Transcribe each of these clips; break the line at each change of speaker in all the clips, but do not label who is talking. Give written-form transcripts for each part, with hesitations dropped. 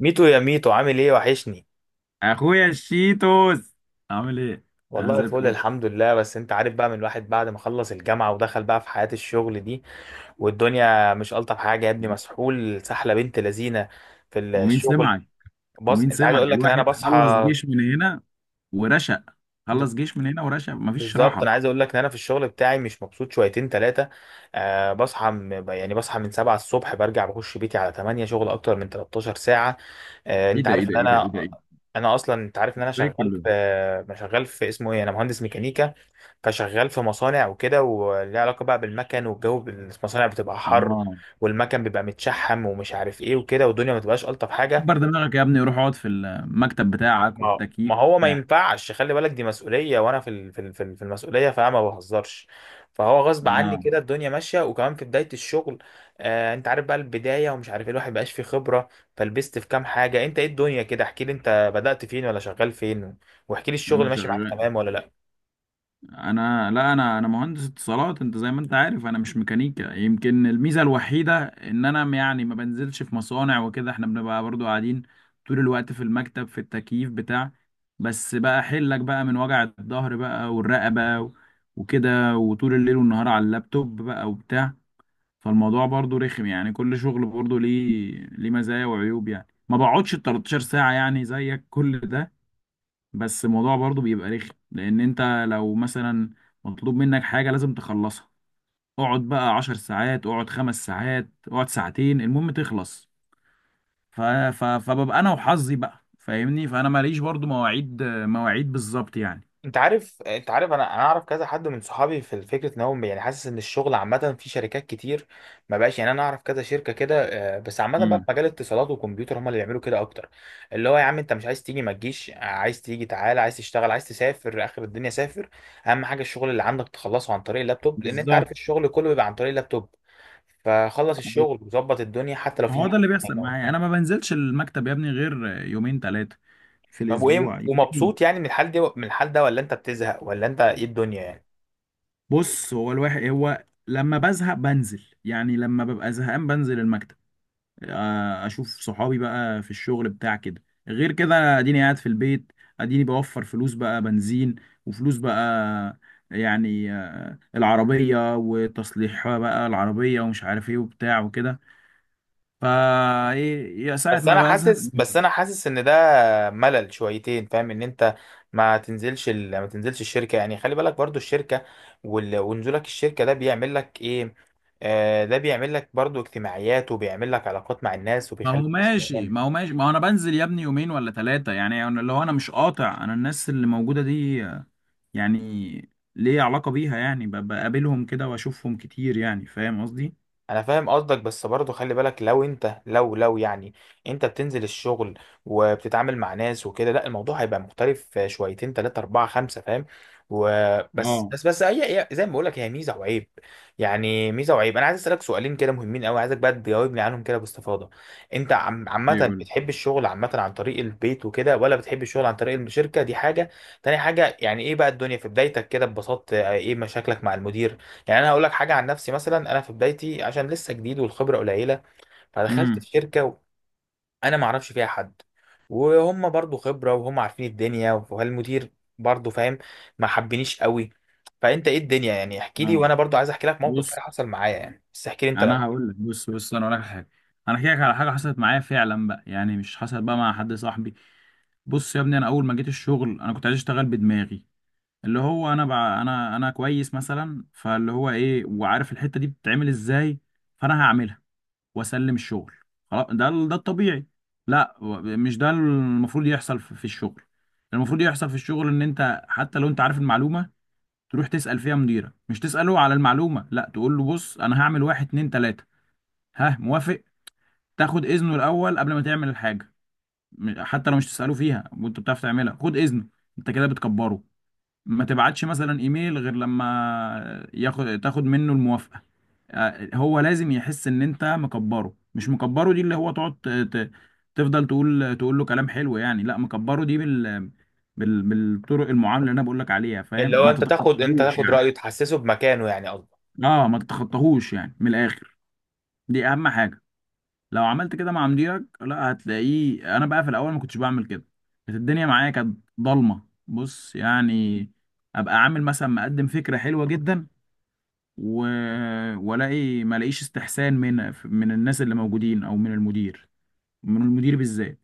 ميتو يا ميتو، عامل ايه؟ وحشني.
اخويا الشيتوس، عامل ايه؟ انا
والله
زي
فل،
الفل.
الحمد لله. بس انت عارف بقى، من الواحد بعد ما خلص الجامعة ودخل بقى في حياة الشغل دي، والدنيا مش ألطف حاجة يا ابني. مسحول سحلة بنت لذينة في
ومين
الشغل.
سمعك
بص،
ومين
انت عايز
سمعك
اقول لك ان انا
الواحد خلص
بصحى
جيش من هنا ورشق،
ب-
خلص جيش من هنا ورشق مفيش
بالظبط. انا
راحه.
عايز اقول لك ان انا في الشغل بتاعي مش مبسوط شويتين ثلاثة. أه، بصحى يعني بصحى من 7 الصبح، برجع بخش بيتي على 8، شغل اكتر من 13 ساعة. أه
ايه
انت
ده، ايه
عارف
ده،
ان
ايه ده، ايه ده،
انا،
ايه ده!
اصلا انت عارف ان انا
زي
شغال
كل
في، انا شغال في اسمه ايه، انا مهندس ميكانيكا. فشغال في مصانع وكده، وليه علاقة بقى بالمكن والجو المصانع بتبقى
يوم.
حر،
اه،
والمكن بيبقى متشحم ومش عارف ايه وكده، والدنيا ما تبقاش ألطف حاجة.
كبر دماغك يا ابني، روح اقعد في المكتب بتاعك
ما
والتكييف
هو ما
بتاعك.
ينفعش، خلي بالك دي مسؤولية، وانا في المسؤولية، فانا ما بهزرش. فهو غصب عني
اه،
كده الدنيا ماشية، وكمان في بداية الشغل. آه انت عارف بقى البداية ومش عارف ايه، الواحد مبقاش فيه خبرة، فلبست في كام حاجة. انت ايه الدنيا كده؟ احكي لي انت بدأت فين ولا شغال فين، واحكي لي
انا
الشغل ماشي معاك
شغال.
تمام ولا لا.
انا، لا، انا مهندس اتصالات، انت زي ما انت عارف انا مش ميكانيكا. يمكن الميزه الوحيده ان انا يعني ما بنزلش في مصانع وكده، احنا بنبقى برضو قاعدين طول الوقت في المكتب، في التكييف بتاع. بس بقى حلك بقى من وجع الظهر بقى والرقبه وكده، وطول الليل والنهار على اللابتوب بقى وبتاع. فالموضوع برضو رخم يعني، كل شغل برضو ليه مزايا وعيوب، يعني ما بقعدش 13 ساعه يعني زيك كل ده. بس الموضوع برضو بيبقى رخم لان انت لو مثلا مطلوب منك حاجة لازم تخلصها. اقعد بقى عشر ساعات، اقعد خمس ساعات، اقعد ساعتين، المهم تخلص. ف... فببقى انا وحظي بقى، فاهمني؟ فانا ماليش برضو مواعيد، مواعيد بالظبط يعني.
انت عارف، انت عارف انا اعرف كذا حد من صحابي، في فكره ان هو يعني حاسس ان الشغل عامه في شركات كتير ما بقاش يعني، انا اعرف كذا شركه كده. آه، بس عامه بقى في
امم
مجال الاتصالات والكمبيوتر هم اللي بيعملوا كده اكتر. اللي هو يا عم، انت مش عايز تيجي ما تجيش، عايز تيجي تعالى، عايز تشتغل، عايز تسافر اخر الدنيا سافر. اهم حاجه الشغل اللي عندك تخلصه عن طريق اللابتوب، لان انت عارف
بالظبط.
الشغل كله بيبقى عن طريق اللابتوب. فخلص الشغل وظبط الدنيا حتى لو
ما
في
هو ده
ميتنج.
اللي بيحصل معايا، انا ما بنزلش المكتب يا ابني غير يومين ثلاثة في
طب وايه؟
الاسبوع، يومين.
ومبسوط يعني من الحال دي، من الحال ده؟ ولا انت بتزهق؟ ولا انت ايه الدنيا يعني؟
بص، هو الواحد هو لما بزهق بنزل، يعني لما ببقى زهقان بنزل المكتب. آه، اشوف صحابي بقى في الشغل بتاع كده. غير كده أنا اديني قاعد في البيت، اديني بوفر فلوس بقى بنزين، وفلوس بقى يعني، آه، العربية وتصليح بقى العربية ومش عارف ايه وبتاع وكده. فا ايه يا ساعة ما بزهق.
بس انا حاسس ان ده ملل شويتين، فاهم؟ ان انت ما تنزلش الشركه، يعني خلي بالك برضو الشركه ونزولك الشركه ده بيعمل لك ايه. آه ده بيعمل لك برضو اجتماعيات، وبيعمل لك علاقات مع الناس
ما هو
وبيخليك.
ماشي ما هو ماشي ما هو انا بنزل يا ابني يومين ولا ثلاثة يعني. لو انا مش قاطع، انا الناس اللي موجودة دي آه، يعني ليه علاقة بيها، يعني بقابلهم كده واشوفهم كتير، يعني فاهم قصدي؟
انا فاهم قصدك، بس برضه خلي بالك، لو انت لو يعني انت بتنزل الشغل وبتتعامل مع ناس وكده، لا الموضوع هيبقى مختلف شويتين تلاتة اربعة خمسة، فاهم؟ وبس
اه،
بس بس هي زي ما بقول لك، هي ميزة وعيب. يعني ميزة وعيب. انا عايز اسالك سؤالين كده مهمين قوي، عايزك بقى تجاوبني عنهم كده باستفاضة. انت عامة
ايوه،
بتحب الشغل عامة عن طريق البيت وكده، ولا بتحب الشغل عن طريق الشركة؟ دي حاجة. تاني حاجة، يعني ايه بقى الدنيا في بدايتك كده ببساطة؟ ايه مشاكلك مع المدير؟ يعني انا هقول لك حاجه عن نفسي. مثلا انا في بدايتي، عشان لسه جديد والخبره قليله، فدخلت
امم.
في شركه انا ما اعرفش فيها حد، وهم برضو خبره وهم عارفين الدنيا، والمدير برضو فاهم ما حبنيش قوي. فانت ايه الدنيا يعني؟ احكي لي، وانا برضو عايز احكي لك موقف
بص
كده حصل معايا يعني، بس احكي لي انت لو.
انا هقول لك، بص بص انا هقول لك على حاجه، انا احكي لك على حاجه حصلت معايا فعلا بقى، يعني مش حصلت بقى مع حد صاحبي. بص يا ابني، انا اول ما جيت الشغل انا كنت عايز اشتغل بدماغي، اللي هو انا بقى انا كويس مثلا، فاللي هو ايه وعارف الحته دي بتتعمل ازاي، فانا هعملها واسلم الشغل خلاص. ده الطبيعي. لا، مش ده المفروض يحصل في الشغل. المفروض يحصل في الشغل ان انت حتى لو انت عارف المعلومه، تروح تسأل فيها مديرك، مش تسأله على المعلومة، لا، تقول له بص انا هعمل واحد اتنين تلاتة، ها موافق؟ تاخد اذنه الاول قبل ما تعمل الحاجة. حتى لو مش تسأله فيها وانت بتعرف تعملها، خد اذنه، انت كده بتكبره. ما تبعتش مثلا ايميل غير لما تاخد منه الموافقة. آه، هو لازم يحس ان انت مكبره. مش مكبره دي اللي هو تقعد تفضل تقول له كلام حلو، يعني لا، مكبره دي بالطرق المعامله اللي انا بقول لك عليها،
اللي
فاهم؟
هو
ما
انت تاخد، انت
تتخطاهوش
تاخد
يعني.
رايه، تحسسه بمكانه يعني قصدي.
اه، ما تتخطاهوش يعني من الاخر، دي اهم حاجه. لو عملت كده مع مديرك، لا، هتلاقيه. انا بقى في الاول ما كنتش بعمل كده، كانت الدنيا معايا كانت ضلمه، بص يعني. ابقى عامل مثلا مقدم فكره حلوه جدا و... والاقي ما الاقيش استحسان من الناس اللي موجودين او من المدير بالذات.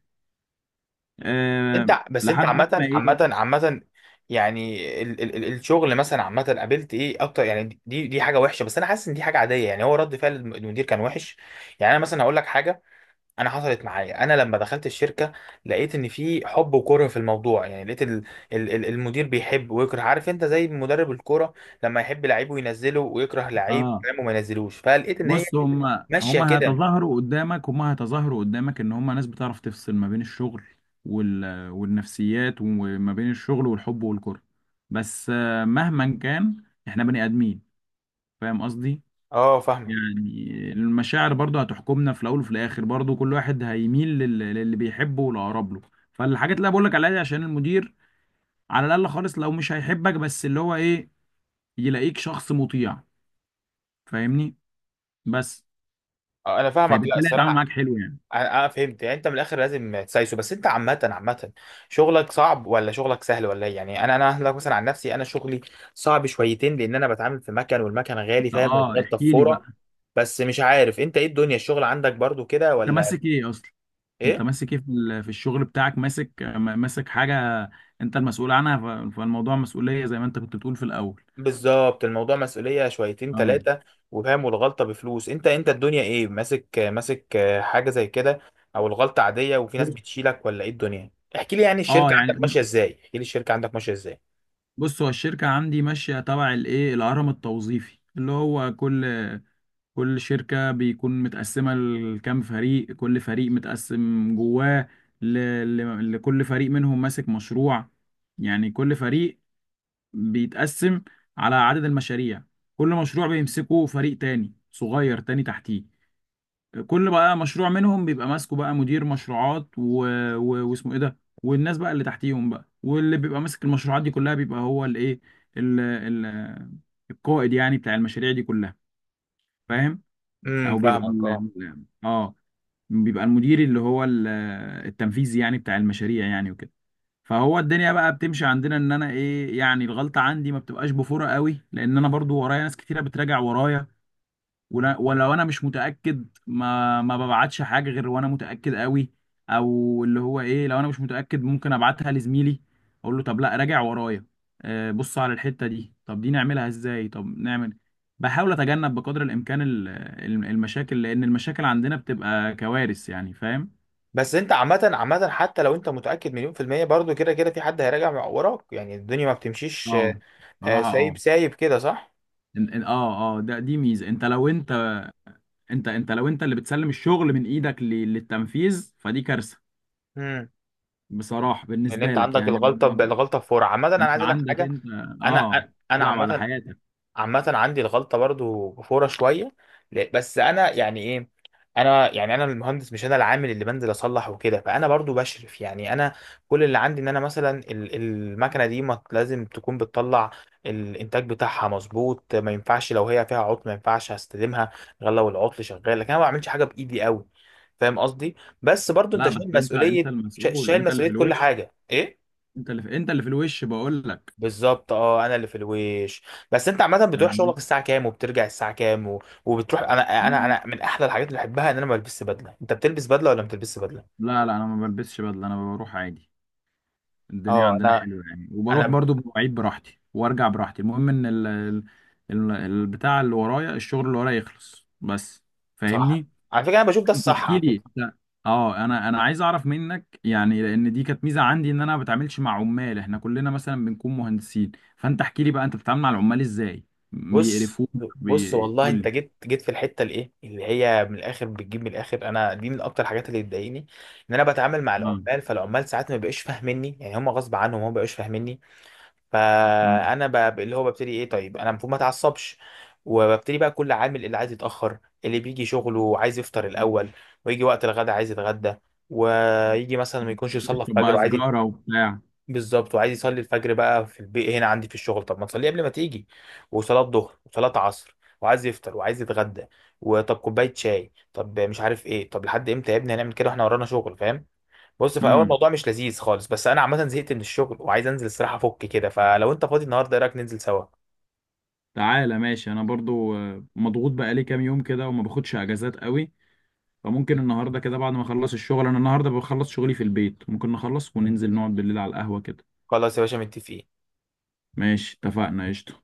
أه...
انت بس، انت
لحد بقى ما
عامة
ايه.
عامة عامة، يعني الشغل مثلا عامة قابلت ايه اكتر؟ يعني دي حاجة وحشة، بس انا حاسس ان دي حاجة عادية يعني، هو رد فعل المدير كان وحش. يعني انا مثلا هقول لك حاجة. انا حصلت معايا انا لما دخلت الشركة، لقيت ان في حب وكره في الموضوع. يعني لقيت ال ال ال المدير بيحب ويكره، عارف انت زي مدرب الكورة، لما يحب لعيبه ينزله ويكره لعيب
اه،
كلامه ما ينزلوش. فلقيت ان هي
بص، هم
ماشية
هم
كده.
هيتظاهروا قدامك، هم هيتظاهروا قدامك ان هم ناس بتعرف تفصل ما بين الشغل والنفسيات، وما بين الشغل والحب والكره. بس آه، مهما كان احنا بني ادمين، فاهم قصدي؟
اه فاهمة.
يعني المشاعر برضو هتحكمنا في الاول وفي الاخر، برضو كل واحد هيميل للي بيحبه والاقرب له. فالحاجات اللي أنا بقول لك عليها دي عشان المدير على الاقل خالص لو مش هيحبك، بس اللي هو ايه، يلاقيك شخص مطيع، فاهمني؟ بس
اه انا فاهمك، لا
فبالتالي هيتعامل
الصراحة
معاك حلو يعني.
اه. آه، فهمت. يعني انت من الاخر لازم تسايسه. بس انت عامه شغلك صعب ولا شغلك سهل ولا ايه يعني؟ انا هقولك مثلا عن نفسي، انا شغلي صعب شويتين، لان انا بتعامل في مكن والمكن غالي فاهم،
اه،
وبغلطه في
احكي لي
فوره.
بقى.
بس مش عارف انت ايه الدنيا، الشغل عندك برضو كده
انت
ولا
ماسك ايه اصلا؟ انت
ايه؟
ماسك ايه في في الشغل بتاعك؟ ماسك ماسك حاجه انت المسؤول عنها. فالموضوع مسؤوليه زي ما انت كنت بتقول في الاول.
بالظبط، الموضوع مسؤوليه شويتين
اه،
ثلاثه، وفاهم، والغلطه بفلوس. انت الدنيا ايه؟ ماسك، حاجه زي كده، او الغلطه عاديه وفي ناس
بص.
بتشيلك، ولا ايه الدنيا؟ احكي لي يعني
اه
الشركه
يعني،
عندك ماشيه ازاي، احكي لي الشركه عندك ماشيه ازاي.
بص، هو الشركه عندي ماشيه تبع الايه، الهرم التوظيفي اللي هو كل شركه بيكون متقسمه لكام فريق، كل فريق متقسم جواه ل... لكل فريق منهم ماسك مشروع. يعني كل فريق بيتقسم على عدد المشاريع، كل مشروع بيمسكه فريق تاني صغير تاني تحتيه. كل بقى مشروع منهم بيبقى ماسكه بقى مدير مشروعات واسمه ايه ده، والناس بقى اللي تحتيهم بقى. واللي بيبقى ماسك المشروعات دي كلها بيبقى هو الايه، ال... ال... القائد يعني بتاع المشاريع دي كلها، فاهم؟
امم،
او بيبقى
فاهمك
ال...
اه.
ال- اه بيبقى المدير اللي هو التنفيذي يعني بتاع المشاريع يعني وكده. فهو الدنيا بقى بتمشي عندنا، ان انا ايه يعني، الغلطه عندي ما بتبقاش بفورة قوي لان انا برضو ورايا ناس كتيره بتراجع ورايا. ولو انا مش متاكد، ما ببعتش حاجه غير وانا متاكد قوي، او اللي هو ايه، لو انا مش متاكد ممكن ابعتها لزميلي، اقول له طب لا، راجع ورايا. آه، بص على الحته دي، طب دي نعملها ازاي، طب نعمل. بحاول اتجنب بقدر الامكان المشاكل، لان المشاكل عندنا بتبقى كوارث يعني، فاهم؟
بس انت عامة حتى لو انت متأكد مليون في المية، برضو كده كده في حد هيراجع وراك يعني، الدنيا ما
اه،
بتمشيش. آه، آه،
صراحه
سايب
اه.
سايب كده صح؟
إن- إن- اه اه ده دي ميزه، انت لو انت اللي بتسلم الشغل من ايدك للتنفيذ، فدي كارثه،
امم.
بصراحه
لان
بالنسبه
انت
لك
عندك
يعني. اللي
الغلطة
هو
الغلطة بفور. عامة انا
انت
عايز اقول لك
عندك
حاجة.
انت
انا،
اه تلعب على
عامة
حياتك.
عندي الغلطة برضو فورة شوية. بس أنا يعني إيه، أنا يعني أنا المهندس، مش أنا العامل اللي بنزل أصلح وكده. فأنا برضو بشرف يعني، أنا كل اللي عندي إن أنا مثلا المكنة دي ما لازم تكون بتطلع الإنتاج بتاعها مظبوط. ما ينفعش لو هي فيها عطل، ما ينفعش هستلمها غير لو العطل شغال، لكن أنا ما بعملش حاجة بإيدي قوي، فاهم قصدي؟ بس برضو أنت
لا بس
شايل
انت
مسؤولية،
المسؤول،
شايل
انت اللي في
مسؤولية كل
الوش،
حاجة إيه.
انت اللي في الوش، بقول لك،
بالظبط اه، انا اللي في الويش. بس انت عامه بتروح شغلك
فاهمني؟
الساعه كام وبترجع الساعه كام وبتروح؟ انا، انا
آه.
انا من احلى الحاجات اللي بحبها ان انا ما بلبسش بدله، انت بتلبس بدله ولا ما بتلبسش بدله؟
لا لا، انا ما بلبسش بدله، انا بروح عادي. الدنيا
اه
عندنا
انا،
حلوه يعني، وبروح
انا
برضو بمواعيد براحتي وارجع براحتي، المهم ان البتاع اللي ورايا الشغل اللي ورايا يخلص بس،
صح
فاهمني؟
على فكره انا بشوف ده
انت
الصح،
احكي
على
لي،
فكره.
انت اه انا عايز اعرف منك، يعني لان دي كانت ميزه عندي ان انا ما بتعاملش مع عمال، احنا كلنا مثلا بنكون مهندسين. فانت احكي لي بقى، انت بتتعامل مع العمال ازاي؟
بص
بيقرفوك؟
بص والله
بيقول
انت
لي
جيت في الحته الايه، اللي هي من الاخر بتجيب من الاخر. انا دي من اكتر الحاجات اللي بتضايقني، ان انا بتعامل مع
اه،
العمال، فالعمال ساعات ما بيبقوش فاهميني يعني، هم غصب عنهم هم ما بيبقوش فاهميني.
امم
فانا اللي هو ببتدي ايه؟ طيب انا المفروض ما اتعصبش، وببتدي بقى كل عامل اللي عايز يتاخر، اللي بيجي شغله عايز يفطر الاول، ويجي وقت الغدا عايز يتغدى، ويجي مثلا ما يكونش يصلي
بشرب
الفجر
بقى
وعايز
سجاره وبتاع.
بالظبط، وعايز يصلي الفجر بقى في البيت هنا عندي في الشغل. طب ما تصلي قبل ما تيجي، وصلاه ظهر وصلاه عصر، وعايز يفطر وعايز يتغدى، وطب كوبايه شاي، طب مش عارف ايه، طب لحد امتى يا ابني هنعمل كده واحنا ورانا شغل، فاهم؟ بص في اول
امم
الموضوع مش لذيذ خالص، بس انا عامه زهقت من الشغل وعايز انزل الصراحه افك كده، فلو انت فاضي النهارده ايه رايك ننزل سوا؟
تعالى ماشي، انا برضو آه، مضغوط بقى لي كام يوم كده وما باخدش اجازات قوي، فممكن النهارده كده بعد ما اخلص الشغل، انا النهارده بخلص شغلي في البيت، ممكن نخلص وننزل نقعد بالليل على القهوه كده.
خلاص يا باشا، متفقين.
ماشي، اتفقنا قشطه.